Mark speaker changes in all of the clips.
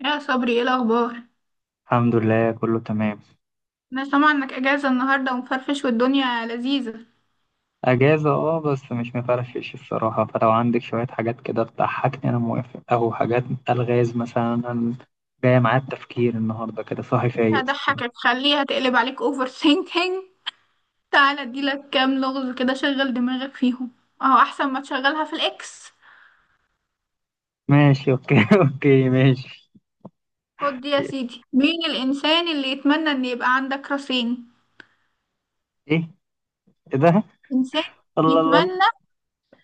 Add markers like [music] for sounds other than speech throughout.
Speaker 1: يا صبري، ايه الاخبار؟
Speaker 2: الحمد لله كله تمام.
Speaker 1: انا سامعه انك اجازه النهارده ومفرفش والدنيا لذيذه.
Speaker 2: اجازه اه، بس مش مفرفش الصراحه، فلو عندك شويه حاجات كده تضحكني انا موافق او حاجات الغاز مثلا. أنا جايه معايا التفكير النهارده كده صاحي فايق الصراحة.
Speaker 1: هضحكك، خليها تقلب عليك اوفر ثينكينج. تعالى اديلك كام لغز كده شغل دماغك فيهم، اهو احسن ما تشغلها في الاكس.
Speaker 2: ماشي اوكي [laughs] اوكي ماشي.
Speaker 1: خد دي يا
Speaker 2: ايه؟
Speaker 1: سيدي، مين الانسان اللي يتمنى ان يبقى عندك راسين؟
Speaker 2: إيه ده؟
Speaker 1: انسان
Speaker 2: الله الله الله.
Speaker 1: يتمنى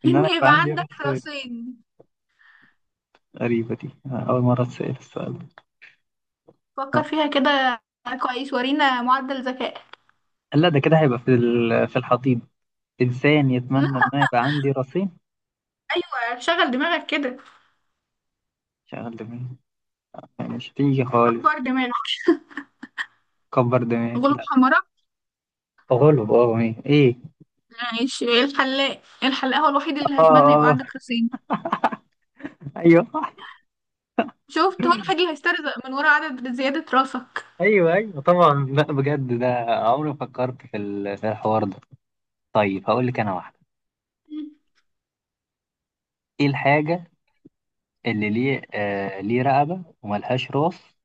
Speaker 1: [laughs]
Speaker 2: ان انا
Speaker 1: ان
Speaker 2: يبقى
Speaker 1: يبقى
Speaker 2: عندي
Speaker 1: عندك
Speaker 2: رأس؟
Speaker 1: راسين.
Speaker 2: غريبه دي، أنا اول مره اتسال السؤال ده.
Speaker 1: فكر
Speaker 2: آه.
Speaker 1: فيها كده كويس، ورينا معدل ذكاء.
Speaker 2: لا ده كده هيبقى في في الحضيض. انسان يتمنى ان
Speaker 1: [laughs]
Speaker 2: انا يبقى عندي راسين؟
Speaker 1: ايوه شغل دماغك كده،
Speaker 2: شغل دماغي يعني مش هتيجي خالص.
Speaker 1: كبر دماغك.
Speaker 2: كبر دماغي.
Speaker 1: غلوب حمراء.
Speaker 2: تغلب اه ايه ايه.
Speaker 1: ماشي، إيه؟ الحلاق، الحلاق هو الوحيد اللي
Speaker 2: اه
Speaker 1: هيتمنى يبقى عندك
Speaker 2: اه.
Speaker 1: راسين.
Speaker 2: ايوه [laughs]
Speaker 1: شفت، هو الوحيد اللي هيسترزق من ورا عدد زيادة راسك.
Speaker 2: ايوه ايوه طبعا. لا بجد ده عمري ما فكرت في في الحوار ده. طيب هقول لك انا واحده.
Speaker 1: مم.
Speaker 2: ايه الحاجه اللي ليه رقبه وملهاش راس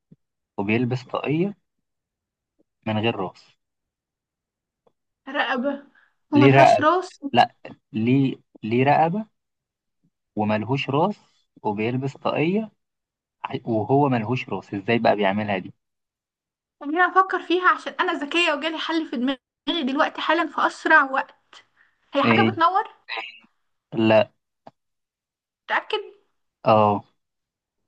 Speaker 2: وبيلبس طاقيه من غير راس؟
Speaker 1: رقبة
Speaker 2: ليه
Speaker 1: وملهاش
Speaker 2: رقبه؟
Speaker 1: راس.
Speaker 2: لا، ليه، ليه رقبه وملهوش راس وبيلبس طاقيه. وهو ملهوش راس ازاي بقى بيعملها دي؟
Speaker 1: خليني أفكر فيها، عشان أنا ذكية وجالي حل في دماغي دلوقتي حالا في أسرع وقت. هي حاجة
Speaker 2: ايه.
Speaker 1: بتنور؟
Speaker 2: لا.
Speaker 1: متأكد؟
Speaker 2: اه.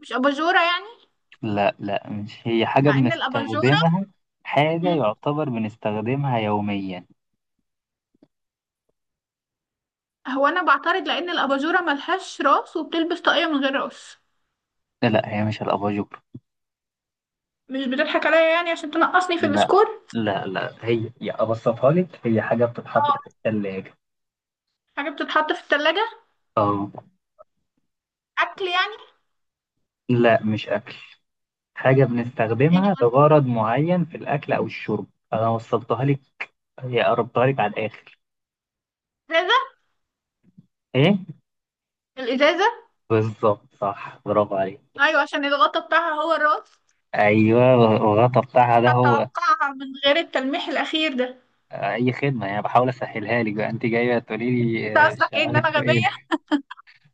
Speaker 1: مش أباجورة يعني؟
Speaker 2: لا لا، مش هي حاجة
Speaker 1: مع إن الأباجورة.
Speaker 2: بنستخدمها. حاجة
Speaker 1: مم.
Speaker 2: يعتبر بنستخدمها يوميا.
Speaker 1: هو أنا بعترض لأن الأباجورة ملهاش راس وبتلبس طاقية من غير راس.
Speaker 2: لا لا، هي مش الأباجور.
Speaker 1: مش بتضحك عليا يعني عشان تنقصني في
Speaker 2: لا
Speaker 1: السكور؟
Speaker 2: لا لا، هي يا أبسطها لك، هي حاجة بتتحط في
Speaker 1: اه.
Speaker 2: الثلاجة.
Speaker 1: حاجة بتتحط في التلاجة؟
Speaker 2: اه.
Speaker 1: أكل يعني؟
Speaker 2: لا، مش أكل. حاجة
Speaker 1: إيه
Speaker 2: بنستخدمها لغرض معين في الأكل أو الشرب. أنا وصلتها لك، هي قربتها لك على الآخر.
Speaker 1: ده؟
Speaker 2: إيه؟
Speaker 1: الإزازة.
Speaker 2: بالظبط، صح، برافو عليك.
Speaker 1: أيوة، عشان الغطا بتاعها هو الراس.
Speaker 2: أيوه الغطا
Speaker 1: مش
Speaker 2: بتاعها ده هو.
Speaker 1: هتوقعها من غير التلميح الأخير ده.
Speaker 2: أي خدمة، يعني بحاول أسهلها لك بقى، أنت جاية تقولي لي
Speaker 1: أنت
Speaker 2: آه،
Speaker 1: قصدك
Speaker 2: مش
Speaker 1: إيه؟ إن أنا
Speaker 2: عارف
Speaker 1: غبية؟
Speaker 2: إيه.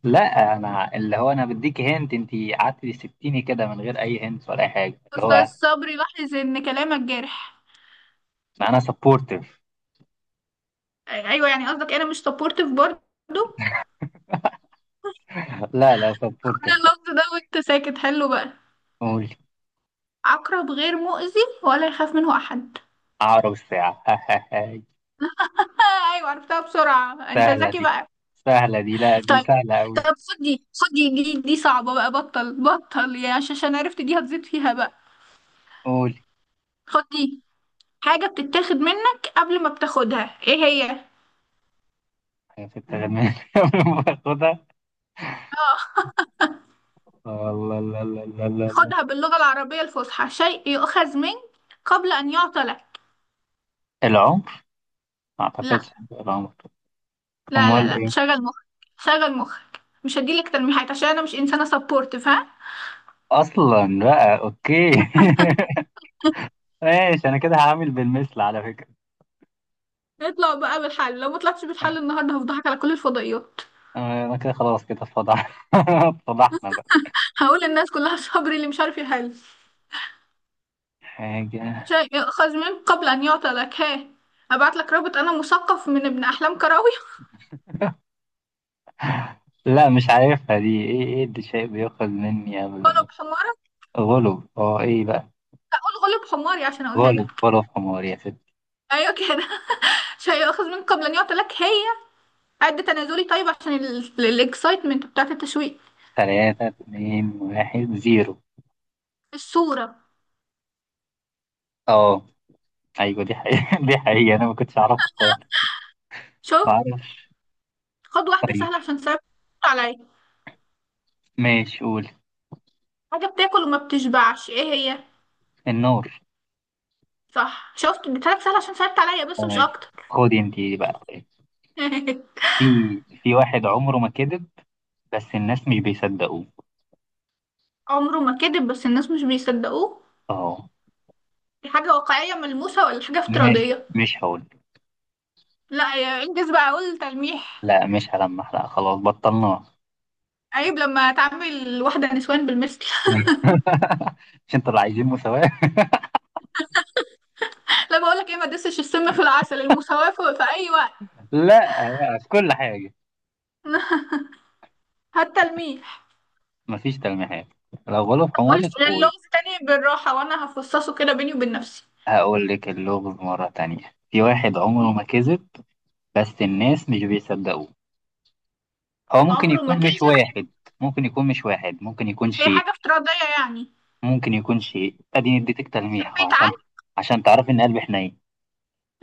Speaker 2: لا انا اللي هو انا بديك هنت، انت قعدت تسبتيني كده من غير اي هنت ولا اي حاجه اللي
Speaker 1: أستاذ
Speaker 2: هو.
Speaker 1: صبري، لاحظ إن كلامك جارح.
Speaker 2: ما انا سبورتيف.
Speaker 1: أيوة يعني قصدك إيه، أنا مش سبورتيف برضه؟
Speaker 2: [laughs] لا لا سبورتيف.
Speaker 1: كل
Speaker 2: طب
Speaker 1: اللفظ ده وأنت ساكت، حلو بقى.
Speaker 2: قول.
Speaker 1: عقرب غير مؤذي ولا يخاف منه أحد.
Speaker 2: عقرب الساعه. [laughs]
Speaker 1: آه، أيوة عرفتها بسرعة، أنت
Speaker 2: سهله
Speaker 1: ذكي
Speaker 2: دي.
Speaker 1: بقى.
Speaker 2: سهله دي، لا دي
Speaker 1: طيب،
Speaker 2: سهله قوي.
Speaker 1: طب خد دي، خد دي، دي صعبة بقى، بطل يا عشان عرفت دي هتزيد فيها بقى.
Speaker 2: قول.
Speaker 1: خد دي. حاجة بتتاخد منك قبل ما بتاخدها، ايه هي؟
Speaker 2: حاجة في التغنيه [laughs] قبل ما باخدها؟ الله. لا لا لا لا لا.
Speaker 1: خدها باللغة العربية الفصحى: شيء يؤخذ منك قبل أن يعطى لك.
Speaker 2: العمر. ما اعتقدش
Speaker 1: لا
Speaker 2: هيبقى العمر. امال ايه؟
Speaker 1: شغل مخك. شغل مخك، مش هديلك تلميحات عشان أنا مش إنسانة سبورت، فاهم؟
Speaker 2: اصلا بقى اوكي. [laughs] ماشي انا كده هعمل بالمثل على فكره.
Speaker 1: اطلع بقى بالحل، لو ما طلعتش بالحل النهاردة هفضحك على كل الفضائيات.
Speaker 2: انا كده خلاص كده اتفضحنا. [laughs] اتفضحنا بقى.
Speaker 1: هقول للناس كلها صبري اللي مش عارف يحل.
Speaker 2: حاجة.
Speaker 1: شيء يؤخذ منك قبل أن يعطى لك، ها. أبعت لك رابط أنا مثقف من ابن أحلام كراوي.
Speaker 2: لا مش عارفها دي. ايه ايه اللي شيء بيأخذ مني قبل ما؟
Speaker 1: غلب حمارك.
Speaker 2: غلب. اه ايه بقى.
Speaker 1: أقول غلب حماري عشان أقولها لك.
Speaker 2: غلب. غلب حمار يا ست.
Speaker 1: أيوة كده. [laughs] شيء يؤخذ منك قبل أن يعطى لك، هي قد تنازلي طيب عشان الاكسايتمنت بتاعت التشويق.
Speaker 2: تلاتة اتنين واحد زيرو.
Speaker 1: الصورة.
Speaker 2: اه. ايوه دي حقيقة [laughs] دي حقيقة انا ما كنتش اعرفها خالص.
Speaker 1: شوف،
Speaker 2: ما اعرفش.
Speaker 1: خد واحدة
Speaker 2: طيب
Speaker 1: سهلة عشان صعبت عليا.
Speaker 2: ماشي قول.
Speaker 1: حاجة بتاكل وما بتشبعش، ايه هي؟
Speaker 2: النار.
Speaker 1: صح، شفت؟ اديتهالك سهلة عشان صعبت عليا بس
Speaker 2: آه،
Speaker 1: مش
Speaker 2: ماشي.
Speaker 1: اكتر.
Speaker 2: خدي انت دي بقى طيب.
Speaker 1: [laughs]
Speaker 2: في في واحد عمره ما كذب، بس الناس مش بيصدقوه.
Speaker 1: عمره ما كذب بس الناس مش بيصدقوه.
Speaker 2: اه.
Speaker 1: دي حاجة واقعية ملموسة ولا حاجة
Speaker 2: مش
Speaker 1: افتراضية؟
Speaker 2: مش هقول.
Speaker 1: لا يا انجز بقى، اقول تلميح.
Speaker 2: لا مش هلمح، لا خلاص بطلناه.
Speaker 1: عيب لما تعمل واحدة نسوان بالمثل.
Speaker 2: [laughs] مش انتوا اللي عايزين مساواة؟
Speaker 1: [laughs] لا بقولك ايه، ما تدسش السم في العسل، المساواة في اي وقت.
Speaker 2: لا بقى في كل حاجة.
Speaker 1: [laughs] هات تلميح.
Speaker 2: مفيش تلميحات. لو غلط
Speaker 1: بقولش
Speaker 2: عمرك قول.
Speaker 1: اللغز تاني بالراحة وأنا هفصصه كده بيني وبين نفسي.
Speaker 2: هقول لك اللغز مرة تانية. في واحد
Speaker 1: مم.
Speaker 2: عمره ما كذب بس الناس مش بيصدقوه. هو ممكن
Speaker 1: عمره ما
Speaker 2: يكون مش
Speaker 1: كذب.
Speaker 2: واحد ممكن يكون مش واحد ممكن يكون
Speaker 1: هي
Speaker 2: شيء
Speaker 1: حاجة افتراضية يعني؟
Speaker 2: ممكن يكون شيء اديتك تلميح أهو،
Speaker 1: تحبي
Speaker 2: عشان
Speaker 1: تعلم.
Speaker 2: عشان تعرفي ان قلبي حنين.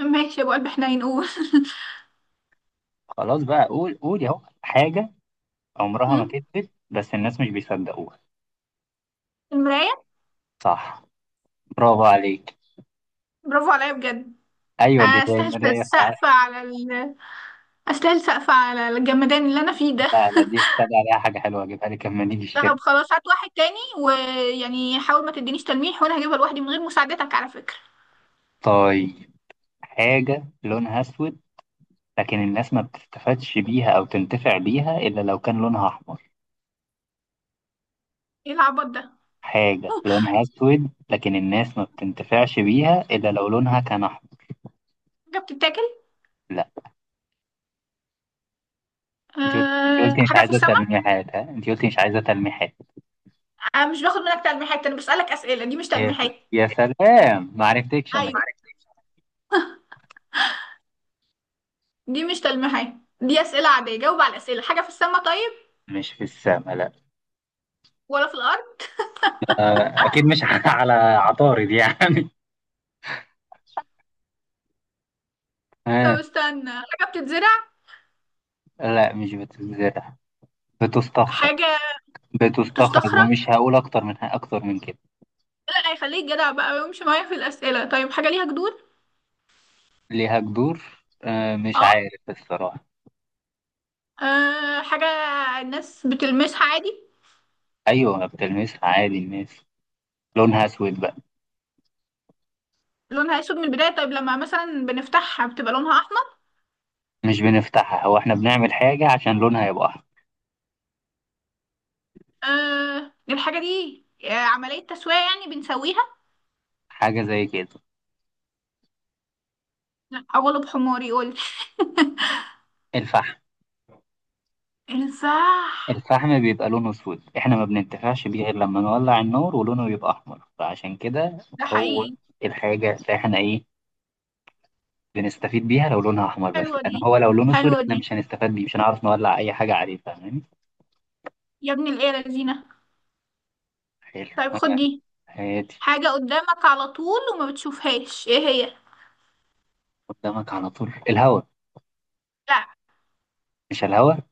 Speaker 1: ماشي يا أبو قلب حنين، قول. [laughs]
Speaker 2: خلاص بقى قول. قولي اهو. حاجة عمرها ما
Speaker 1: مم.
Speaker 2: كذبت بس الناس مش بيصدقوها.
Speaker 1: المراية.
Speaker 2: صح، برافو عليك.
Speaker 1: برافو عليا بجد.
Speaker 2: ايوه دي هي
Speaker 1: أستاهل
Speaker 2: المراية فعلا.
Speaker 1: سقف على ال... أستاهل سقف على الجمدان اللي أنا فيه ده.
Speaker 2: لا لا دي صدق، عليها حاجة حلوة اجيبها لك لما نيجي الشركة.
Speaker 1: طب خلاص، هات واحد تاني، ويعني حاول ما تدينيش تلميح وأنا هجيبها لوحدي من غير مساعدتك على فكرة.
Speaker 2: طيب، حاجة لونها أسود لكن الناس ما بتستفادش بيها أو تنتفع بيها إلا لو كان لونها أحمر.
Speaker 1: إيه العبط ده؟
Speaker 2: حاجة
Speaker 1: أوه،
Speaker 2: لونها أسود لكن الناس ما بتنتفعش بيها إلا لو لونها كان أحمر.
Speaker 1: حاجة بتتاكل؟
Speaker 2: لا. أنت قلت، أنت
Speaker 1: أه...
Speaker 2: قلتي مش
Speaker 1: حاجة في
Speaker 2: عايزة
Speaker 1: السماء؟
Speaker 2: تلميحات، ها أنت قلتي مش عايزة تلميحات.
Speaker 1: أه، مش باخد منك تلميحات، أنا بسألك أسئلة، دي مش
Speaker 2: يا س...
Speaker 1: تلميحات.
Speaker 2: يا سلام ما عرفتكش أنا.
Speaker 1: ايوه، دي مش تلميحات، دي أسئلة عادية، جاوب على الأسئلة. حاجة في السماء طيب
Speaker 2: مش في السما، لا.
Speaker 1: ولا في الأرض؟
Speaker 2: أكيد مش [laughs] على عطارد يعني.
Speaker 1: طب
Speaker 2: ها.
Speaker 1: استنى، حاجة بتتزرع؟
Speaker 2: لا مش بتتزرع، بتستخرج.
Speaker 1: حاجة
Speaker 2: بتستخرج
Speaker 1: بتستخرج.
Speaker 2: ومش هقول أكتر من كده.
Speaker 1: لا هيخليك جدع بقى ويمشي معايا في الأسئلة. طيب حاجة ليها جذور؟
Speaker 2: ليها جذور؟ آه مش
Speaker 1: اه.
Speaker 2: عارف الصراحة.
Speaker 1: آه، حاجة الناس بتلمسها عادي؟
Speaker 2: أيوة بتلمسها عادي الناس. لونها أسود بقى.
Speaker 1: لونها أسود من البداية، طيب لما مثلا بنفتحها بتبقى لونها أحمر؟
Speaker 2: مش بنفتحها، هو إحنا بنعمل حاجة عشان لونها يبقى أحمر.
Speaker 1: آه الحاجة دي. آه، عملية تسوية يعني، بنسويها؟
Speaker 2: حاجة زي كده.
Speaker 1: لا أغلب حماري، قول.
Speaker 2: الفحم.
Speaker 1: [laughs] صح.
Speaker 2: الفحم بيبقى لونه أسود، إحنا ما بننتفعش بيه غير لما نولع النور ولونه يبقى أحمر، فعشان كده
Speaker 1: ده
Speaker 2: هو
Speaker 1: حقيقي.
Speaker 2: الحاجة اللي إحنا إيه بنستفيد بيها لو لونها أحمر بس،
Speaker 1: حلوة
Speaker 2: لأن
Speaker 1: دي،
Speaker 2: هو لو لونه أسود
Speaker 1: حلوة
Speaker 2: إحنا
Speaker 1: دي،
Speaker 2: مش هنستفاد بيه، مش هنعرف نولع أي حاجة عليه، فاهماني؟
Speaker 1: يا ابن الإيه يا لذينة.
Speaker 2: حلو
Speaker 1: طيب خد
Speaker 2: أنا.
Speaker 1: دي.
Speaker 2: هادي.
Speaker 1: حاجة قدامك على طول وما بتشوفهاش، ايه هي؟
Speaker 2: قدامك على طول، الهواء.
Speaker 1: لا.
Speaker 2: مش الهواء.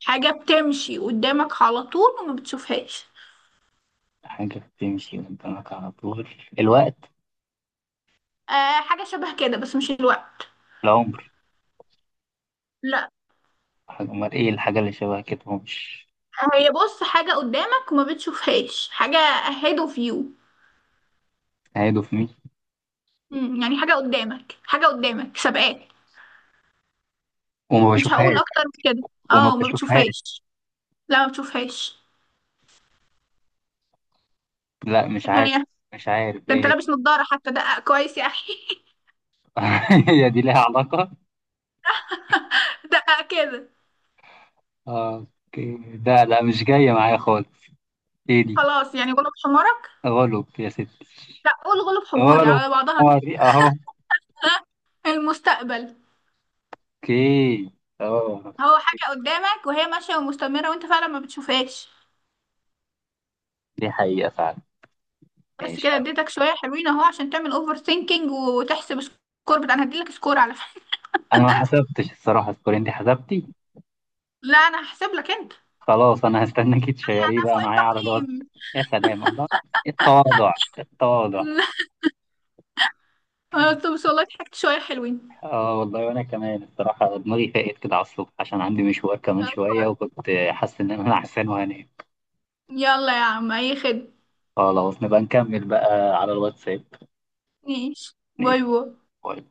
Speaker 1: حاجة بتمشي قدامك على طول وما بتشوفهاش.
Speaker 2: حاجة بتمشي قدامك على طول، الوقت.
Speaker 1: آه حاجة شبه كده بس مش الوقت.
Speaker 2: العمر.
Speaker 1: لا.
Speaker 2: حاجة، أمال إيه الحاجة اللي شبه كده هو مش؟
Speaker 1: هي بص، حاجة قدامك وما بتشوفهاش. حاجة ahead of you.
Speaker 2: هيدو في مين.
Speaker 1: مم، يعني حاجة قدامك، حاجة قدامك سابقاك.
Speaker 2: وما
Speaker 1: مش هقول
Speaker 2: بشوفهاش.
Speaker 1: اكتر من كده.
Speaker 2: وما
Speaker 1: اه ما
Speaker 2: بشوفهاش.
Speaker 1: بتشوفهاش. لا ما بتشوفهاش.
Speaker 2: لا مش
Speaker 1: ايه
Speaker 2: عارف.
Speaker 1: هي؟
Speaker 2: مش عارف
Speaker 1: ده انت
Speaker 2: إيه.
Speaker 1: لابس نضارة حتى، دقق كويس يا اخي.
Speaker 2: [laughs] هي دي ليها علاقة؟
Speaker 1: [laughs] دقق كده.
Speaker 2: آه، أوكي، ده لا مش جاية معايا خالص. إيه دي؟
Speaker 1: خلاص يعني غلب حمارك.
Speaker 2: غلب يا ستي.
Speaker 1: لا قول غلب حماري
Speaker 2: غلب.
Speaker 1: على بعضها كده.
Speaker 2: قمري أهو.
Speaker 1: [laughs] المستقبل.
Speaker 2: أوكي. أه.
Speaker 1: هو حاجة قدامك وهي ماشية ومستمرة وانت فعلا ما بتشوفهاش.
Speaker 2: دي حقيقة فعلا.
Speaker 1: بس
Speaker 2: ماشي
Speaker 1: كده،
Speaker 2: هقول.
Speaker 1: اديتك شوية حلوين اهو عشان تعمل اوفر ثينكينج، وتحسب سكور بتاع، انا هديلك سكور على فكرة.
Speaker 2: أنا ما حسبتش الصراحة سكورين دي حسبتي.
Speaker 1: [laughs] لا انا هحسب لك انت.
Speaker 2: خلاص انا هستناكي تشيريه
Speaker 1: انا
Speaker 2: بقى
Speaker 1: فوق
Speaker 2: معايا على الواتس.
Speaker 1: التقييم.
Speaker 2: يا سلام الله. التواضع. التواضع.
Speaker 1: [laughs] انا قلت بس والله ضحكت شوية حلوين.
Speaker 2: اه والله وانا كمان الصراحه دماغي فاقت كده على الصبح، عشان عندي مشوار كمان
Speaker 1: طب
Speaker 2: شويه
Speaker 1: كويس.
Speaker 2: وكنت حاسس ان انا [laughs] نعسان وهنام.
Speaker 1: يلا يا عم، اي خدمة.
Speaker 2: خلاص نبقى نكمل بقى على الواتساب.
Speaker 1: ماشي، باي
Speaker 2: نقفل.
Speaker 1: باي.
Speaker 2: باي.